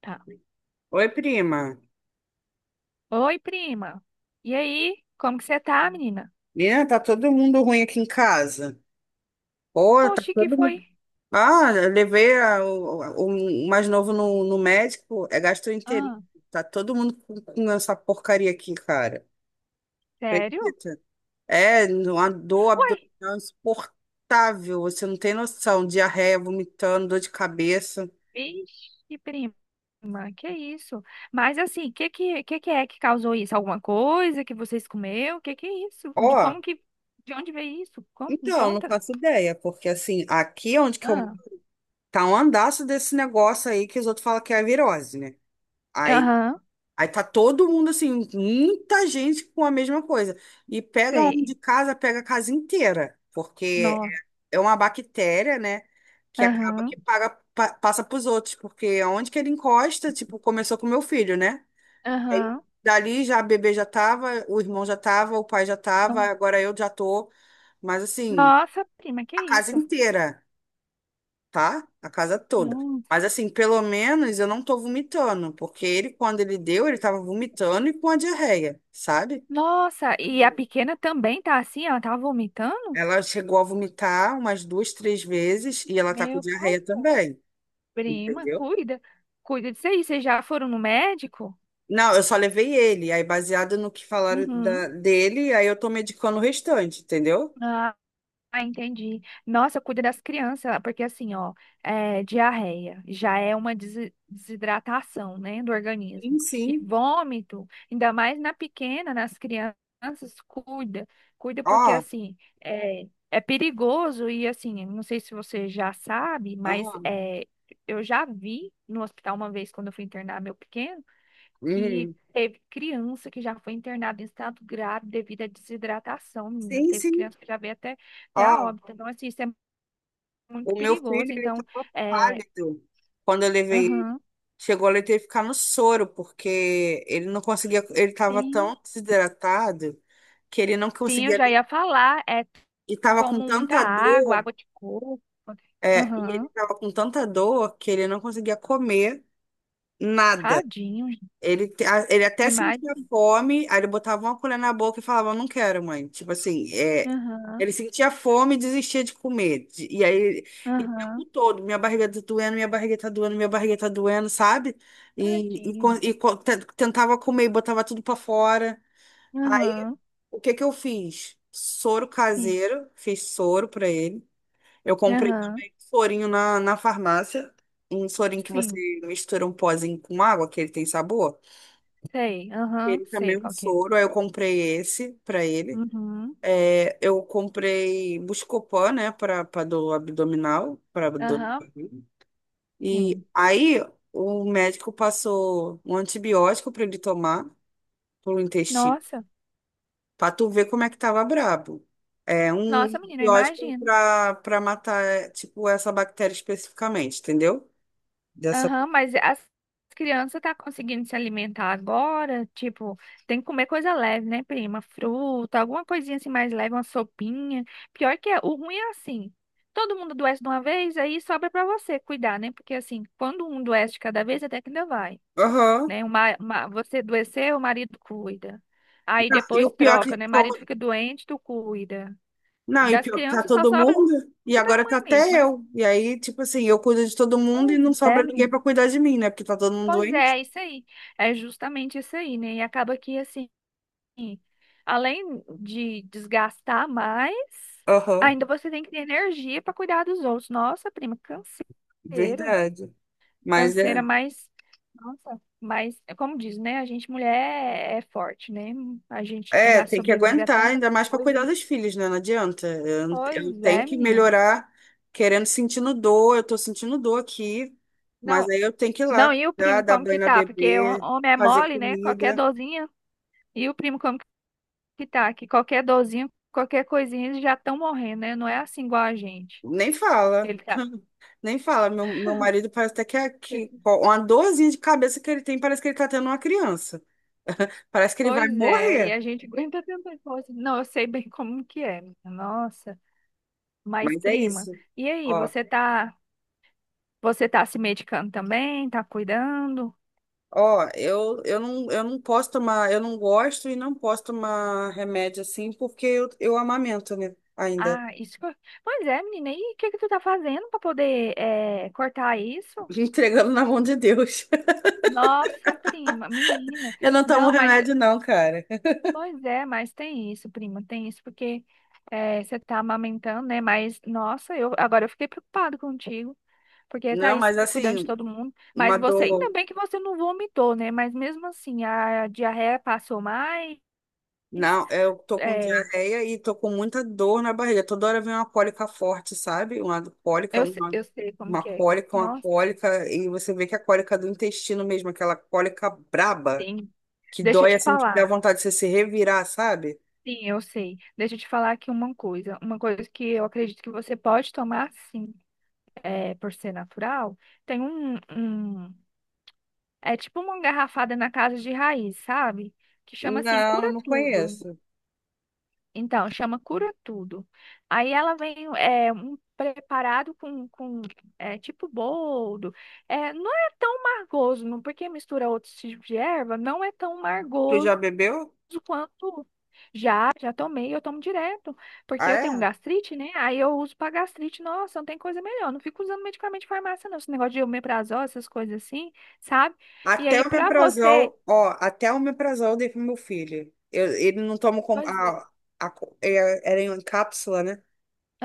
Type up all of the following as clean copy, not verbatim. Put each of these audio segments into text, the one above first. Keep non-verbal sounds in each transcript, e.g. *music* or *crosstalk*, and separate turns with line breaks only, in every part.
Tá.
Oi, prima.
Oi, prima. E aí? Como que você tá, menina?
Menina, tá todo mundo ruim aqui em casa. Pô, tá
Oxe, que
todo
foi?
mundo. Ah, eu levei o mais novo no médico, é gastroenterite.
Ah,
Tá todo mundo com essa porcaria aqui, cara.
sério?
Acredita? É, uma dor
Uai,
abdominal insuportável. Você não tem noção. Diarreia, vomitando, dor de cabeça.
vixe, prima. Que isso? Mas assim, que que é que causou isso? Alguma coisa que vocês comeu? Que é isso?
Ó,
De onde veio isso? Como? Me
então, não
conta.
faço ideia, porque assim, aqui onde que eu.
Ah,
Tá um andaço desse negócio aí que os outros falam que é a virose, né? Aí
aham,
Aí tá todo mundo assim, muita gente com a mesma coisa. E pega um de
sei.
casa, pega a casa inteira, porque
Nossa.
é uma bactéria, né? Que acaba
Aham.
que passa pros outros, porque aonde que ele encosta, tipo, começou com meu filho, né? Aí
Aham.
dali já a bebê já tava, o irmão já tava, o pai já tava,
No-
agora eu já tô. Mas assim,
Nossa, prima, que
a casa
isso?
inteira tá? A casa toda.
Nossa.
Mas assim, pelo menos eu não tô vomitando, porque ele, quando ele deu, ele tava vomitando e com a diarreia, sabe?
Nossa, e a pequena também tá assim? Ela tá vomitando?
Ela chegou a vomitar umas duas, três vezes e ela tá com
Meu pai,
diarreia
pô.
também,
prima,
entendeu?
cuida. Cuida disso aí. Vocês já foram no médico?
Não, eu só levei ele, aí baseado no que falaram
Uhum.
dele, aí eu tô medicando o restante, entendeu?
Ah, ah, entendi. Nossa, cuida das crianças, porque assim, ó, é, diarreia já é uma desidratação, né, do organismo.
Sim,
E
sim.
vômito, ainda mais na pequena, nas crianças, cuida. Cuida porque,
Ó,
assim, é perigoso e, assim, não sei se você já sabe, mas
aham.
é, eu já vi no hospital uma vez quando eu fui internar meu pequeno, que
Uhum.
teve criança que já foi internada em estado grave devido à desidratação, menina.
Sim,
Teve
sim.
criança que já veio até a
Ó,
óbito. Então, assim, isso é muito
o meu filho,
perigoso.
ele
Então,
tava
é,
pálido quando eu levei.
aham.
Chegou ele ter que ficar no soro, porque ele não conseguia, ele estava tão
Sim.
desidratado que ele não
Sim, eu
conseguia
já
nem,
ia falar. É,
e estava com
tomam muita
tanta
água,
dor,
água de coco.
é, e ele
Aham.
estava com tanta dor que ele não conseguia comer nada.
Tadinho, gente.
Ele, ele até
É mais.
sentia fome, aí ele botava uma colher na boca e falava, não quero, mãe. Tipo assim, é,
Aham.
ele sentia fome e desistia de comer. E aí, e o
Aham.
tempo todo, minha barriga tá doendo, minha barriga tá doendo, minha barriga tá doendo, sabe? E, e,
Tadinho.
co- e co- te- tentava comer e botava tudo pra fora. Aí,
Aham.
o que que eu fiz? Soro
Sim.
caseiro, fiz soro pra ele. Eu comprei
Aham.
também um sorinho na farmácia, um sorinho que você
Sim.
mistura um pozinho com água, que ele tem sabor.
Sei. Aham.
Ele também
Sei
é um
qual que é.
soro, aí eu comprei esse pra ele.
Uhum.
É, eu comprei Buscopan, né, para do abdominal, para abdômen.
Aham.
E
Sim.
aí o médico passou um antibiótico para ele tomar pro intestino,
Nossa.
para tu ver como é que tava brabo. É um
Nossa, menina, eu
antibiótico
imagino.
para matar é, tipo essa bactéria especificamente, entendeu? Dessa.
Aham, mas as crianças tá conseguindo se alimentar agora? Tipo, tem que comer coisa leve, né, prima? Fruta, alguma coisinha assim mais leve, uma sopinha. Pior que é, o ruim é assim. Todo mundo adoece de uma vez, aí sobra pra você cuidar, né? Porque assim, quando um adoece de cada vez, até que ainda vai,
Aham.
né? Uma, você adoecer, o marido cuida. Aí
E o
depois
pior é que
troca, né? O
como.
marido fica doente, tu cuida.
Não, e
Das
pior que tá
crianças só
todo
sobra
mundo, e
pra
agora
mãe
tá
mesmo,
até
mas.
eu. E aí, tipo assim, eu cuido de todo mundo e
Pois
não
é,
sobra ninguém
menina.
pra cuidar de mim, né? Porque tá todo mundo
Pois
doente.
é, é isso aí. É justamente isso aí, né? E acaba que, assim, além de desgastar mais,
Aham,
ainda você tem que ter energia para cuidar dos outros. Nossa, prima, canseira.
verdade. Mas
Canseira,
é.
mas. Nossa, mas, é como diz, né? A gente, mulher, é forte, né? A gente
É,
já
tem que
sobrevive a
aguentar,
tanta
ainda mais pra cuidar
coisa.
dos filhos, né? Não adianta. Eu
Pois
tenho
é,
que
menina.
melhorar, querendo, sentindo dor. Eu tô sentindo dor aqui, mas
Não,
aí eu tenho que ir
não,
lá,
e o
cuidar,
primo,
dar
como
banho
que
na
tá? Porque o
bebê,
homem é
fazer
mole, né? Qualquer
comida.
dorzinha. E o primo, como que tá, que qualquer dorzinho, qualquer coisinha, eles já estão morrendo, né? Não é assim igual a gente.
Nem fala.
Ele tá.
Nem fala, meu marido parece até que, que
esse-
uma dorzinha de cabeça que ele tem, parece que ele tá tendo uma criança. Parece que ele vai
Pois é, e
morrer.
a gente *laughs* aguenta tanta coisa. Não, eu sei bem como que é, menina. Nossa, mas
Mas é
prima,
isso.
e aí,
Ó,
você tá se medicando também? Tá cuidando?
ó, eu não posso tomar, eu não gosto e não posso tomar remédio assim, porque eu amamento, né? Ainda.
Ah, isso que eu. Pois é, menina, e o que que tu tá fazendo pra poder cortar isso?
*laughs* Entregando na mão de Deus. *laughs*
Nossa, prima, menina.
Eu não tomo
Não, mas.
remédio, não, cara.
Pois é, mas tem isso, prima, tem isso, porque você tá amamentando, né? Mas, nossa, eu agora eu fiquei preocupado contigo, porque tá
Não,
aí você
mas
cuidando de
assim,
todo mundo. Mas
uma
você, ainda
dor.
bem que você não vomitou, né? Mas mesmo assim, a diarreia passou mais.
Não, eu tô com
Eh,
diarreia e tô com muita dor na barriga. Toda hora vem uma cólica forte, sabe?
eu, se- eu sei como que é.
Uma
Nossa,
cólica. E você vê que é a cólica do intestino mesmo, aquela cólica braba,
tem.
que
Deixa eu
dói
te
assim, que dá
falar.
vontade de você se revirar, sabe?
Sim, eu sei. Deixa eu te falar aqui uma coisa. Uma coisa que eu acredito que você pode tomar, sim, por ser natural. Tem um. É tipo uma garrafada na casa de raiz, sabe? Que chama assim, cura
Não, não
tudo.
conheço.
Então, chama cura tudo. Aí ela vem é, um preparado com tipo boldo. É, não é tão margoso, não, porque mistura outros tipos de erva, não é tão
Tu
margoso
já bebeu?
quanto. Já, já tomei, eu tomo direto, porque
Ah,
eu tenho um
é?
gastrite, né? Aí eu uso pra gastrite, nossa, não tem coisa melhor. Não fico usando medicamento de farmácia, não. Esse negócio de omeprazol, essas coisas assim, sabe? E aí, pra você.
Até o omeprazol eu dei pro meu filho. Ele não toma com,
Pois é,
era em cápsula, né?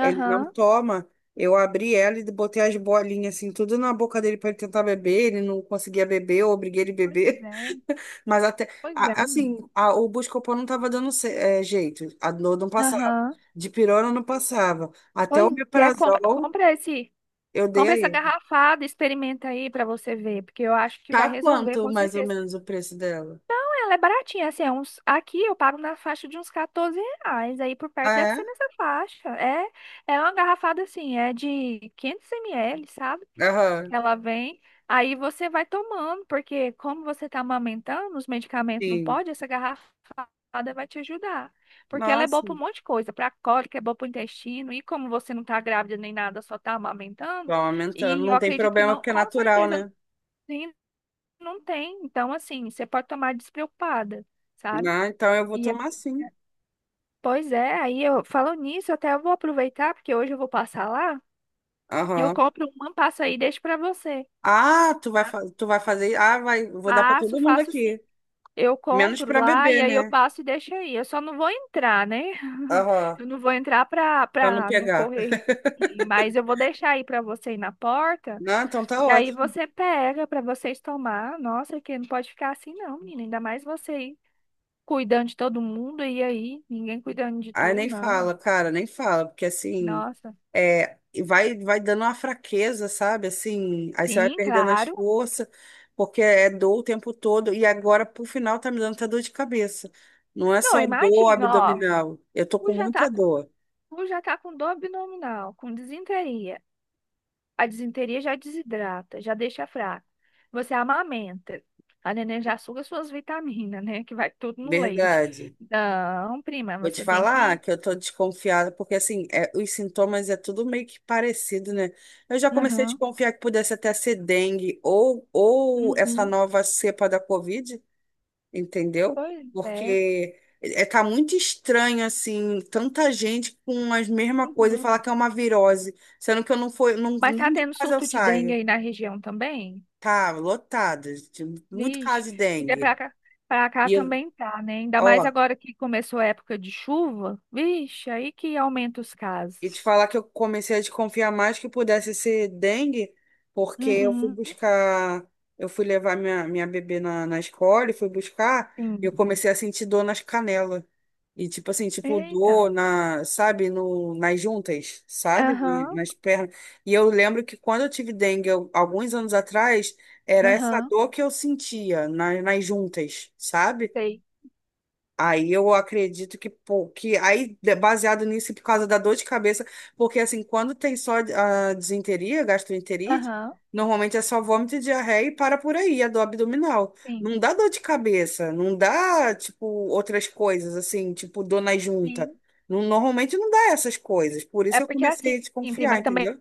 Ele não toma. Eu abri ela e botei as bolinhas assim, tudo na boca dele para ele tentar beber. Ele não conseguia beber, eu obriguei ele a
pois
beber.
é,
*laughs* Mas até,
pois é, menina.
o Buscopan não estava dando jeito. A dor não passava.
Aham.
De pirona não passava. Até o
Pois é, compra,
omeprazol
compra esse,
eu dei
compra
a
essa
ele.
garrafada, experimenta aí pra você ver, porque eu acho que vai
Tá
resolver
quanto
com
mais ou
certeza.
menos o preço dela?
Ah, ela é baratinha, assim, é uns, aqui eu pago na faixa de uns 14 reais, aí por perto
Ah,
deve ser
é?
nessa faixa. É, é uma garrafada assim, é de 500 ml, sabe?
Aham,
Ela vem, aí você vai tomando, porque como você está amamentando, os medicamentos não
sim.
pode, essa garrafada vai te ajudar. Porque ela é boa
Nossa,
para um monte de coisa, para cólica, é boa para o intestino, e como você não está grávida nem nada, só está amamentando,
vai aumentando.
e eu
Não tem
acredito que
problema
não,
porque é
com
natural,
certeza
né?
sim, não tem. Então, assim, você pode tomar despreocupada, sabe?
Ah, então eu vou
E eu-
tomar sim.
pois é, aí eu falo nisso, até eu vou aproveitar, porque hoje eu vou passar lá. Eu
Aham.
compro uma, passo aí e deixo para você.
Ah,
tá?
tu vai fazer. Ah, vai, vou dar para
Passo,
todo mundo
faço sim.
aqui.
Eu
Menos
compro
para
lá
bebê,
e aí eu
né?
passo e deixo aí. Eu só não vou entrar, né? *laughs*
Aham.
Eu não vou entrar pra,
Pra não
pra não
pegar.
correr. Mas eu vou deixar aí pra você ir na porta
Não, então tá
e aí
ótimo.
você pega pra vocês tomar. Nossa, que não pode ficar assim não, menina. Ainda mais você aí cuidando de todo mundo e aí ninguém cuidando de
Ai,
tu,
nem
não.
fala, cara, nem fala, porque assim,
Nossa.
é, vai dando uma fraqueza, sabe? Assim, aí você vai
Sim,
perdendo as
claro.
forças, porque é dor o tempo todo, e agora pro final tá me dando até dor de cabeça. Não é
Não,
só dor
imagina, ó.
abdominal, eu tô com
Tu já tá
muita
com,
dor,
tu já tá com dor abdominal, com disenteria. A disenteria já desidrata, já deixa fraca. Você amamenta. A neném já suga suas vitaminas, né? Que vai tudo no leite.
verdade.
Não, prima,
Vou te
você tem
falar
que.
que eu tô desconfiada, porque assim, é, os sintomas é tudo meio que parecido, né? Eu já comecei a
Aham.
desconfiar que pudesse até ser dengue ou essa
Uhum.
nova cepa da Covid, entendeu?
Pois é.
Porque é, tá muito estranho, assim, tanta gente com as mesmas coisas e
Uhum.
falar que é uma virose, sendo que eu não fui, não,
Mas tá
nem de
tendo
casa eu
surto de dengue
saio.
aí na região também?
Tá lotado, muito
Vixe,
caso de
porque pra
dengue.
cá, pra cá
E, eu-
também tá, né? Ainda mais
ó,
agora que começou a época de chuva. Vixe, aí que aumenta os
E te
casos.
falar que eu comecei a desconfiar mais que pudesse ser dengue, porque eu fui
Uhum.
buscar, eu fui levar minha bebê na escola e fui buscar, e eu
Sim.
comecei a sentir dor nas canelas. E tipo assim, tipo
Eita.
dor na, sabe, no, nas juntas, sabe? E
Aham.
nas pernas. E eu lembro que quando eu tive dengue, alguns anos atrás, era essa
Aham.
dor que eu sentia na, nas juntas, sabe?
Sei.
Aí eu acredito que, pô, que aí, baseado nisso, e por causa da dor de cabeça, porque assim, quando tem só a disenteria, gastroenterite,
Aham.
normalmente é só vômito, diarreia e para por aí, a dor abdominal.
Sim,
Não dá dor de cabeça, não dá, tipo, outras coisas, assim, tipo, dor na junta.
sim.
Normalmente não dá essas coisas, por
É
isso eu
porque
comecei
assim,
a
prima,
desconfiar,
também
entendeu?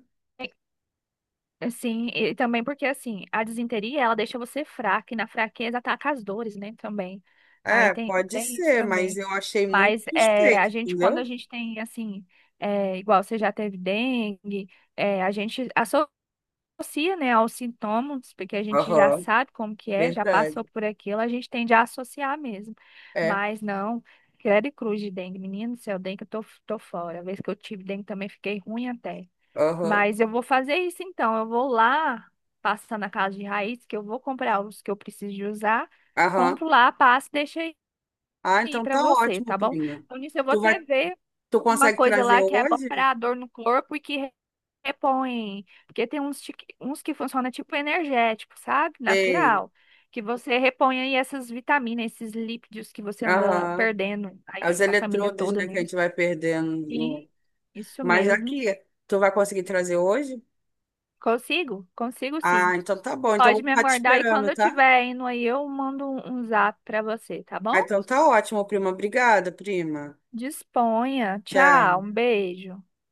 assim, e também porque assim, a disenteria ela deixa você fraca e na fraqueza ataca as dores, né, também. Aí
É,
tem,
pode
tem isso
ser, mas
também.
eu achei muito
Mas é, a
suspeito,
gente, quando a
entendeu?
gente tem assim, é, igual você já teve dengue, é, a gente associa, né, aos sintomas, porque a gente já
Aham,
sabe como que é, já
verdade.
passou por aquilo, a gente tende a associar mesmo.
É,
Mas não, credo e cruz de dengue. Menino do céu, dengue eu tô fora. A vez que eu tive dengue também fiquei ruim até.
aham,
Mas eu vou fazer isso então. Eu vou lá, passar na casa de raiz, que eu vou comprar os que eu preciso de usar,
aham.
compro lá, passo e deixo aí
Ah, então
para
tá
você,
ótimo,
tá bom?
prima.
Então nisso eu vou
Tu vai,
até ver
tu
uma
consegue
coisa
trazer
lá que é bom
hoje?
para dor no corpo e que repõe, porque tem uns, uns que funcionam tipo energético, sabe?
Sei.
Natural. Que você repõe aí essas vitaminas, esses lípidos que você anda
Aham.
perdendo
É os
aí, a família
eletrodos,
toda,
né, que
né?
a gente vai perdendo.
Sim,
No-.
isso
Mas
mesmo.
aqui, tu vai conseguir trazer hoje?
Consigo? Consigo
Ah,
sim.
então tá bom. Então eu vou
Pode me
ficar te
aguardar e
esperando,
quando eu
tá?
tiver indo aí, eu mando um zap pra você, tá
Ah,
bom?
então tá ótimo, prima. Obrigada, prima.
Disponha. Tchau,
Tchau.
um beijo.